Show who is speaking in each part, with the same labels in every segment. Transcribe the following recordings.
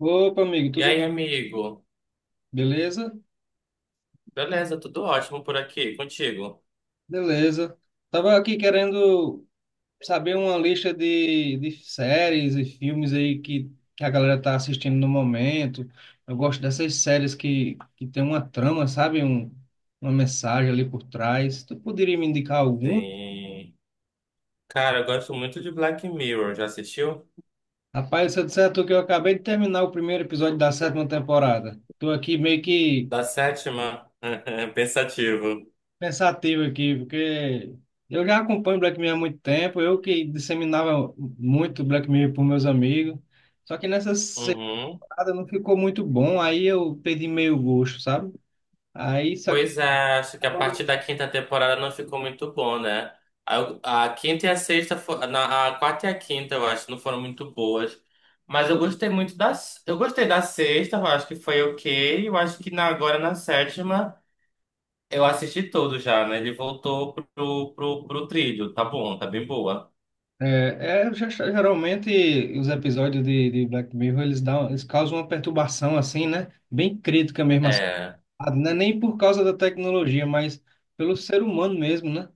Speaker 1: Opa, amigo,
Speaker 2: E
Speaker 1: tudo
Speaker 2: aí, amigo?
Speaker 1: beleza?
Speaker 2: Beleza, tudo ótimo por aqui, contigo?
Speaker 1: Beleza. Tava aqui querendo saber uma lista de séries e filmes aí que a galera tá assistindo no momento. Eu gosto dessas séries que tem uma trama, sabe? Uma mensagem ali por trás. Tu poderia me indicar alguma?
Speaker 2: Sim. Cara, eu gosto muito de Black Mirror, já assistiu?
Speaker 1: Rapaz, se eu disser a tu que eu acabei de terminar o primeiro episódio da sétima temporada. Tô aqui meio que
Speaker 2: Da sétima? Pensativo.
Speaker 1: pensativo aqui, porque eu já acompanho Black Mirror há muito tempo, eu que disseminava muito Black Mirror para meus amigos, só que nessa
Speaker 2: Uhum.
Speaker 1: temporada não ficou muito bom, aí eu perdi meio gosto, sabe? Aí, só que
Speaker 2: Pois é, acho que a
Speaker 1: agora,
Speaker 2: partir da quinta temporada não ficou muito bom, né? A quinta e a sexta, a quarta e a quinta, eu acho, não foram muito boas. Mas eu gostei muito das. Eu gostei da sexta, eu acho que foi ok. Eu acho que na, agora na sétima. Eu assisti todo já, né? Ele voltou pro trilho. Tá bom, tá bem boa.
Speaker 1: geralmente os episódios de Black Mirror, eles dão, eles causam uma perturbação assim, né? Bem crítica mesmo, assim,
Speaker 2: É,
Speaker 1: não é nem por causa da tecnologia, mas pelo ser humano mesmo, né?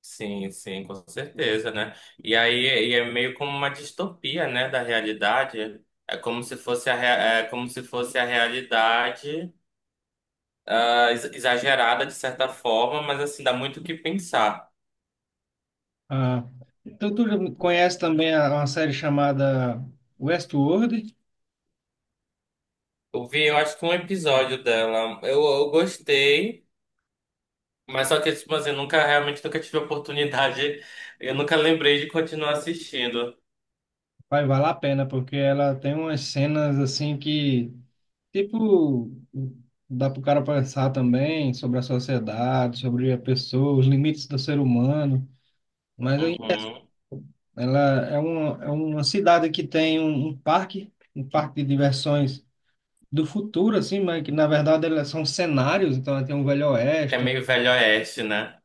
Speaker 2: sim, sim, com certeza, né? E aí e é meio como uma distopia, né, da realidade. É como se fosse é como se fosse a realidade exagerada de certa forma, mas assim, dá muito o que pensar.
Speaker 1: Ah, então tu já conhece também uma série chamada Westworld?
Speaker 2: Eu vi, eu acho que um episódio dela. Eu gostei, mas só que, tipo assim, eu nunca realmente nunca tive oportunidade. Eu nunca lembrei de continuar assistindo.
Speaker 1: Vai valer a pena, porque ela tem umas cenas assim que, tipo, dá pro cara pensar também sobre a sociedade, sobre a pessoa, os limites do ser humano. Mas aí,
Speaker 2: Uhum.
Speaker 1: ela é uma cidade que tem um parque de diversões do futuro, assim, mas que na verdade elas são cenários, então ela tem um Velho
Speaker 2: É
Speaker 1: Oeste.
Speaker 2: meio velho oeste, né?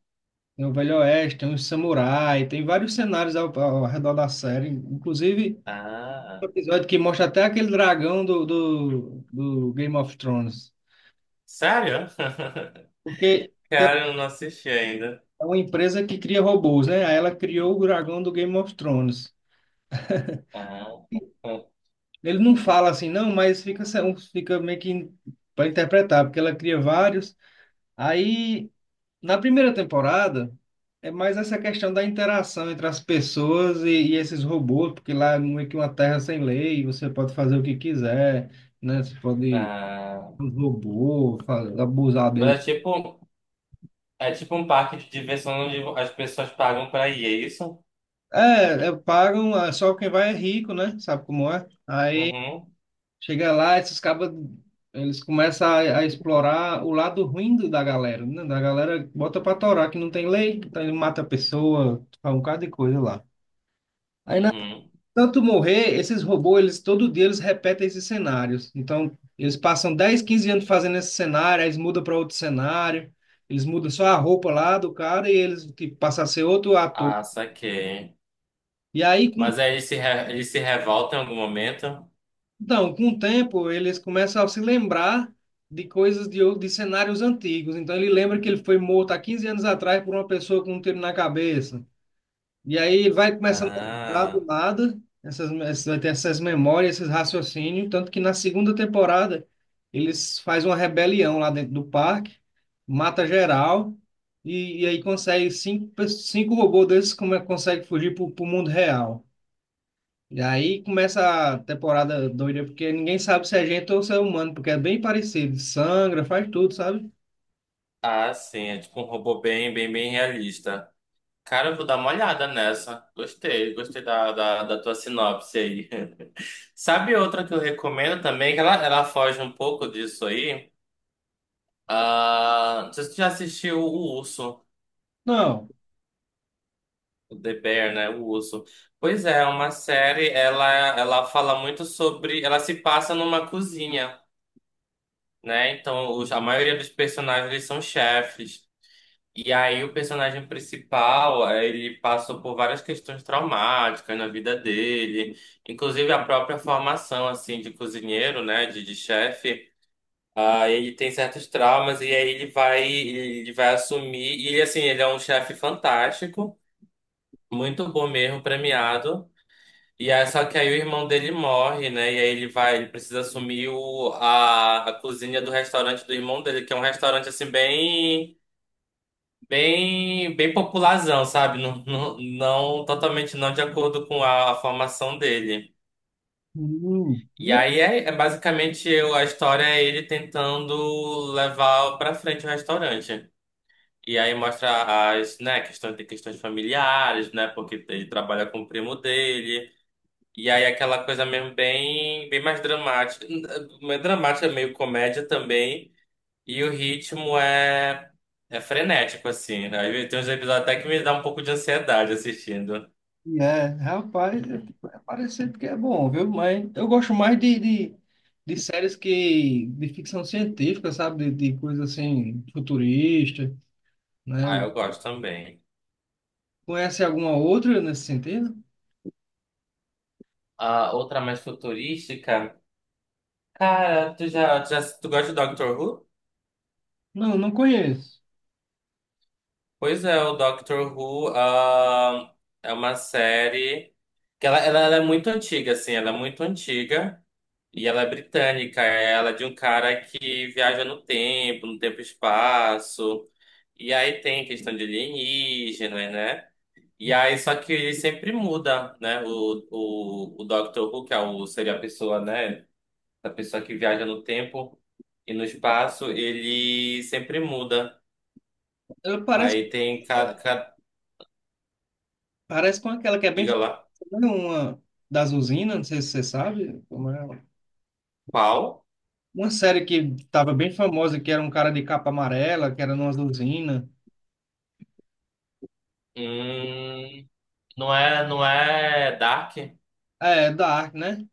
Speaker 1: Tem o Velho Oeste, tem os samurai, tem vários cenários ao redor da série. Inclusive, um
Speaker 2: Ah,
Speaker 1: episódio que mostra até aquele dragão do Game of Thrones.
Speaker 2: sério?
Speaker 1: Porque tem
Speaker 2: Cara, eu não assisti ainda.
Speaker 1: uma empresa que cria robôs, né? Aí ela criou o dragão do Game of Thrones.
Speaker 2: Ah, ah.
Speaker 1: Ele não fala assim, não, mas fica, fica meio que para interpretar, porque ela cria vários. Aí Na primeira temporada, é mais essa questão da interação entre as pessoas e esses robôs, porque lá é meio que uma terra sem lei, você pode fazer o que quiser, né? Você pode
Speaker 2: Ah.
Speaker 1: abusar dele.
Speaker 2: Mas é tipo um parque de diversão onde as pessoas pagam pra ir, é isso?
Speaker 1: É, é, pagam, é, só quem vai é rico, né? Sabe como é? Aí
Speaker 2: Uhum,
Speaker 1: chega lá, esses cabas, eles começam a explorar o lado ruim da galera, né? Da galera bota pra torar que não tem lei, então ele mata a pessoa, faz um bocado de coisa lá. Aí na
Speaker 2: uhum.
Speaker 1: tanto morrer, esses robôs, eles todo dia eles repetem esses cenários. Então, eles passam 10, 15 anos fazendo esse cenário, aí eles mudam para outro cenário, eles mudam só a roupa lá do cara e eles tipo, passam a ser outro ator.
Speaker 2: Ah, saquei.
Speaker 1: E aí, com,
Speaker 2: Mas aí eles se, eles se revolta em algum momento?
Speaker 1: então, com o tempo, eles começam a se lembrar de coisas de cenários antigos. Então, ele lembra que ele foi morto há 15 anos atrás por uma pessoa com um tiro na cabeça. E aí vai começando a lembrar do
Speaker 2: Ah,
Speaker 1: nada, vai ter essas memórias, esses raciocínios, tanto que na segunda temporada eles fazem uma rebelião lá dentro do parque, mata geral, e aí consegue cinco robôs desses como é, consegue fugir pro mundo real. E aí começa a temporada doida, porque ninguém sabe se é gente ou se é humano, porque é bem parecido, sangra, faz tudo, sabe?
Speaker 2: ah, sim, é tipo um robô bem, bem, bem realista. Cara, eu vou dar uma olhada nessa. Gostei, gostei da tua sinopse aí. Sabe outra que eu recomendo também, que ela foge um pouco disso aí? Ah, não sei se você já assistiu O Urso,
Speaker 1: Não.
Speaker 2: o The Bear, né? O Urso. Pois é, é uma série, ela fala muito sobre. Ela se passa numa cozinha, né? Então, a maioria dos personagens eles são chefes. E aí, o personagem principal, ele passou por várias questões traumáticas na vida dele, inclusive a própria formação, assim, de cozinheiro, né? De chefe. Ah, ele tem certos traumas e aí ele vai assumir. E ele, assim, ele é um chefe fantástico, muito bom mesmo, premiado. E aí, só que aí o irmão dele morre, né? E aí ele vai, ele precisa assumir a cozinha do restaurante do irmão dele, que é um restaurante, assim, bem, bem, bem popularzão, sabe? Totalmente não de acordo com a formação dele.
Speaker 1: Hum.
Speaker 2: E aí é, a história é ele tentando levar pra frente o restaurante. E aí mostra as, né, questões de questões familiares, né, porque ele trabalha com o primo dele. E aí aquela coisa mesmo bem, bem mais dramática, meio comédia também. E o ritmo é frenético assim, né? Aí tem uns episódios até que me dá um pouco de ansiedade assistindo.
Speaker 1: É, rapaz, é parecer porque é bom, viu? Mas eu gosto mais de séries que de ficção científica, sabe? De coisa assim, futurista, né?
Speaker 2: Ah, eu gosto também.
Speaker 1: Conhece alguma outra nesse sentido?
Speaker 2: A outra mais futurística, cara, tu gosta de Doctor Who?
Speaker 1: Não, não conheço.
Speaker 2: Pois é, o Doctor Who, ah, é uma série que ela é muito antiga, assim, ela é muito antiga e ela é britânica, ela é de um cara que viaja no tempo, no tempo e espaço, e aí tem questão de alienígena, né? E aí, só que ele sempre muda, né? O Doctor Who, que é o, seria a pessoa, né? A pessoa que viaja no tempo e no espaço, ele sempre muda.
Speaker 1: Ela parece,
Speaker 2: Aí tem cada,
Speaker 1: parece com aquela que é bem
Speaker 2: diga
Speaker 1: famosa,
Speaker 2: lá.
Speaker 1: né? Uma das usinas, não sei se você sabe como é ela.
Speaker 2: Qual?
Speaker 1: Uma série que estava bem famosa, que era um cara de capa amarela, que era numa usina.
Speaker 2: Hum, não é, não é Dark?
Speaker 1: É, Dark, né?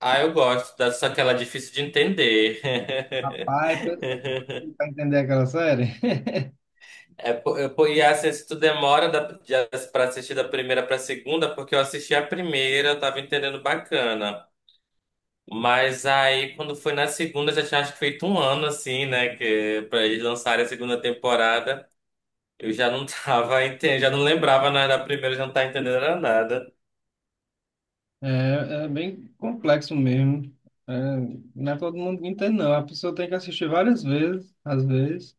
Speaker 2: Ah, eu gosto, só que ela é difícil de entender.
Speaker 1: Rapaz, pra tentar entender aquela série,
Speaker 2: É, e assim, se tu demora pra assistir da primeira pra segunda, porque eu assisti a primeira, eu tava entendendo bacana. Mas aí, quando foi na segunda, já tinha acho que feito um ano, assim, né? Que, pra eles lançarem a segunda temporada, eu já não tava entendendo, já não lembrava nada da primeira, já não tava entendendo era nada.
Speaker 1: é, é bem complexo mesmo. É, não é todo mundo que entende, não. A pessoa tem que assistir várias vezes, às vezes.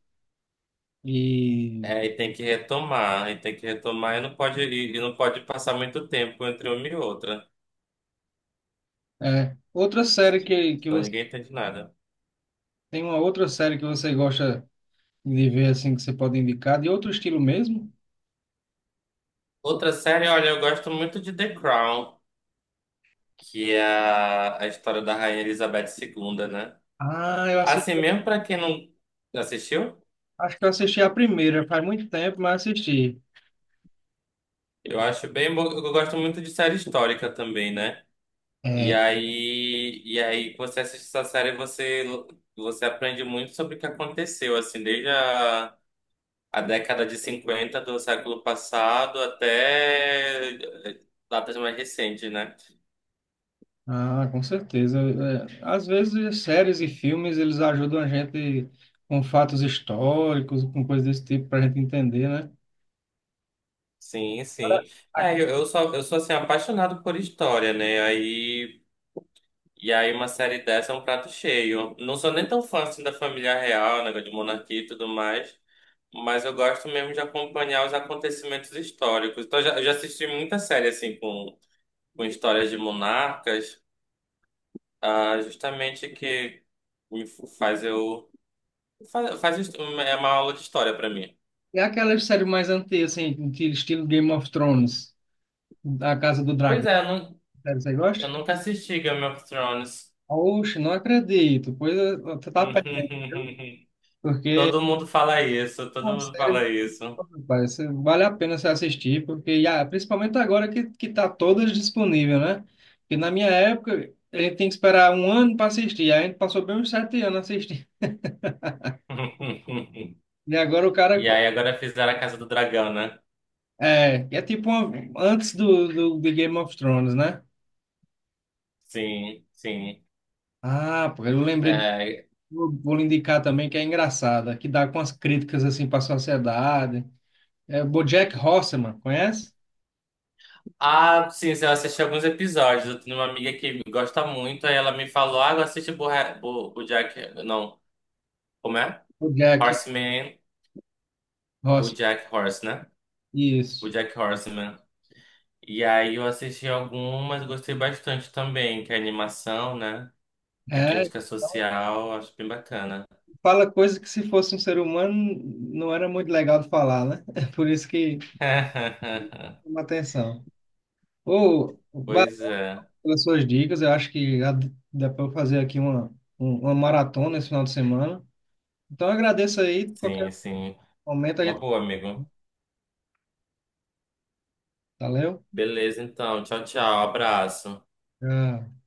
Speaker 1: E
Speaker 2: É, e tem que retomar, e tem que retomar e não pode, e não pode passar muito tempo entre uma e outra,
Speaker 1: é, outra série que
Speaker 2: senão
Speaker 1: você
Speaker 2: ninguém entende nada.
Speaker 1: tem uma outra série que você gosta de ver assim que você pode indicar, de outro estilo mesmo?
Speaker 2: Outra série, olha, eu gosto muito de The Crown, que é a história da Rainha Elizabeth II, né?
Speaker 1: Ah, eu assisti,
Speaker 2: Assim mesmo pra quem não assistiu,
Speaker 1: acho que eu assisti a primeira, faz muito tempo, mas assisti.
Speaker 2: eu acho bem, eu gosto muito de série histórica também, né? E aí você assiste essa série, você aprende muito sobre o que aconteceu, assim, desde a década de 50 do século passado até eh, datas mais recentes, né?
Speaker 1: Ah, com certeza. É, às vezes, séries e filmes, eles ajudam a gente com fatos históricos, com coisas desse tipo, para a gente entender, né?
Speaker 2: Sim,
Speaker 1: Agora,
Speaker 2: sim.
Speaker 1: a-
Speaker 2: É, eu sou assim, apaixonado por história, né? Aí, e aí uma série dessa é um prato cheio. Não sou nem tão fã assim da família real, negócio de monarquia e tudo mais, mas eu gosto mesmo de acompanhar os acontecimentos históricos. Então, eu já assisti muita série assim com histórias de monarcas, ah, justamente que me f- faz eu faz, é uma aula de história pra mim.
Speaker 1: E aquelas séries mais antigas, assim, que estilo Game of Thrones, A Casa do
Speaker 2: Pois
Speaker 1: Dragão,
Speaker 2: é,
Speaker 1: série você gosta?
Speaker 2: eu nunca assisti Game of Thrones.
Speaker 1: Oxe, não acredito. Pois é, você tá perdendo, porque
Speaker 2: Todo mundo fala isso,
Speaker 1: é
Speaker 2: todo
Speaker 1: uma
Speaker 2: mundo
Speaker 1: série.
Speaker 2: fala isso.
Speaker 1: Rapaz, vale a pena você assistir, porque ah, principalmente agora que tá todas disponível, né? Porque na minha época, a gente tem que esperar um ano para assistir, aí a gente passou bem uns 7 anos assistindo. E agora o cara.
Speaker 2: E aí agora fizeram a Casa do Dragão, né?
Speaker 1: É, é tipo uma- antes de Game of Thrones, né?
Speaker 2: Sim, sim.
Speaker 1: Ah, pô, eu lembrei de.
Speaker 2: É,
Speaker 1: Vou lhe indicar também que é engraçada, que dá com as críticas assim para a sociedade. É BoJack Horseman, conhece?
Speaker 2: ah, sim, eu assisti alguns episódios. Eu tenho uma amiga que gosta muito, aí ela me falou, ah, BoJack... Não, como é?
Speaker 1: BoJack
Speaker 2: Horseman,
Speaker 1: Horseman,
Speaker 2: BoJack Horse, né?
Speaker 1: isso.
Speaker 2: BoJack Horseman. E aí eu assisti algumas, gostei bastante também, que é animação, né? É
Speaker 1: É,
Speaker 2: crítica social, acho bem bacana.
Speaker 1: fala coisa que se fosse um ser humano não era muito legal de falar, né? É por isso que chama atenção. Ô, valeu
Speaker 2: Pois é,
Speaker 1: pelas suas dicas, eu acho que dá para eu fazer aqui uma maratona esse final de semana. Então eu agradeço aí, qualquer
Speaker 2: sim, sim.
Speaker 1: momento a
Speaker 2: Uma
Speaker 1: gente...
Speaker 2: boa, amigo.
Speaker 1: Valeu?
Speaker 2: Beleza, então. Tchau, tchau. Abraço.
Speaker 1: Tchau.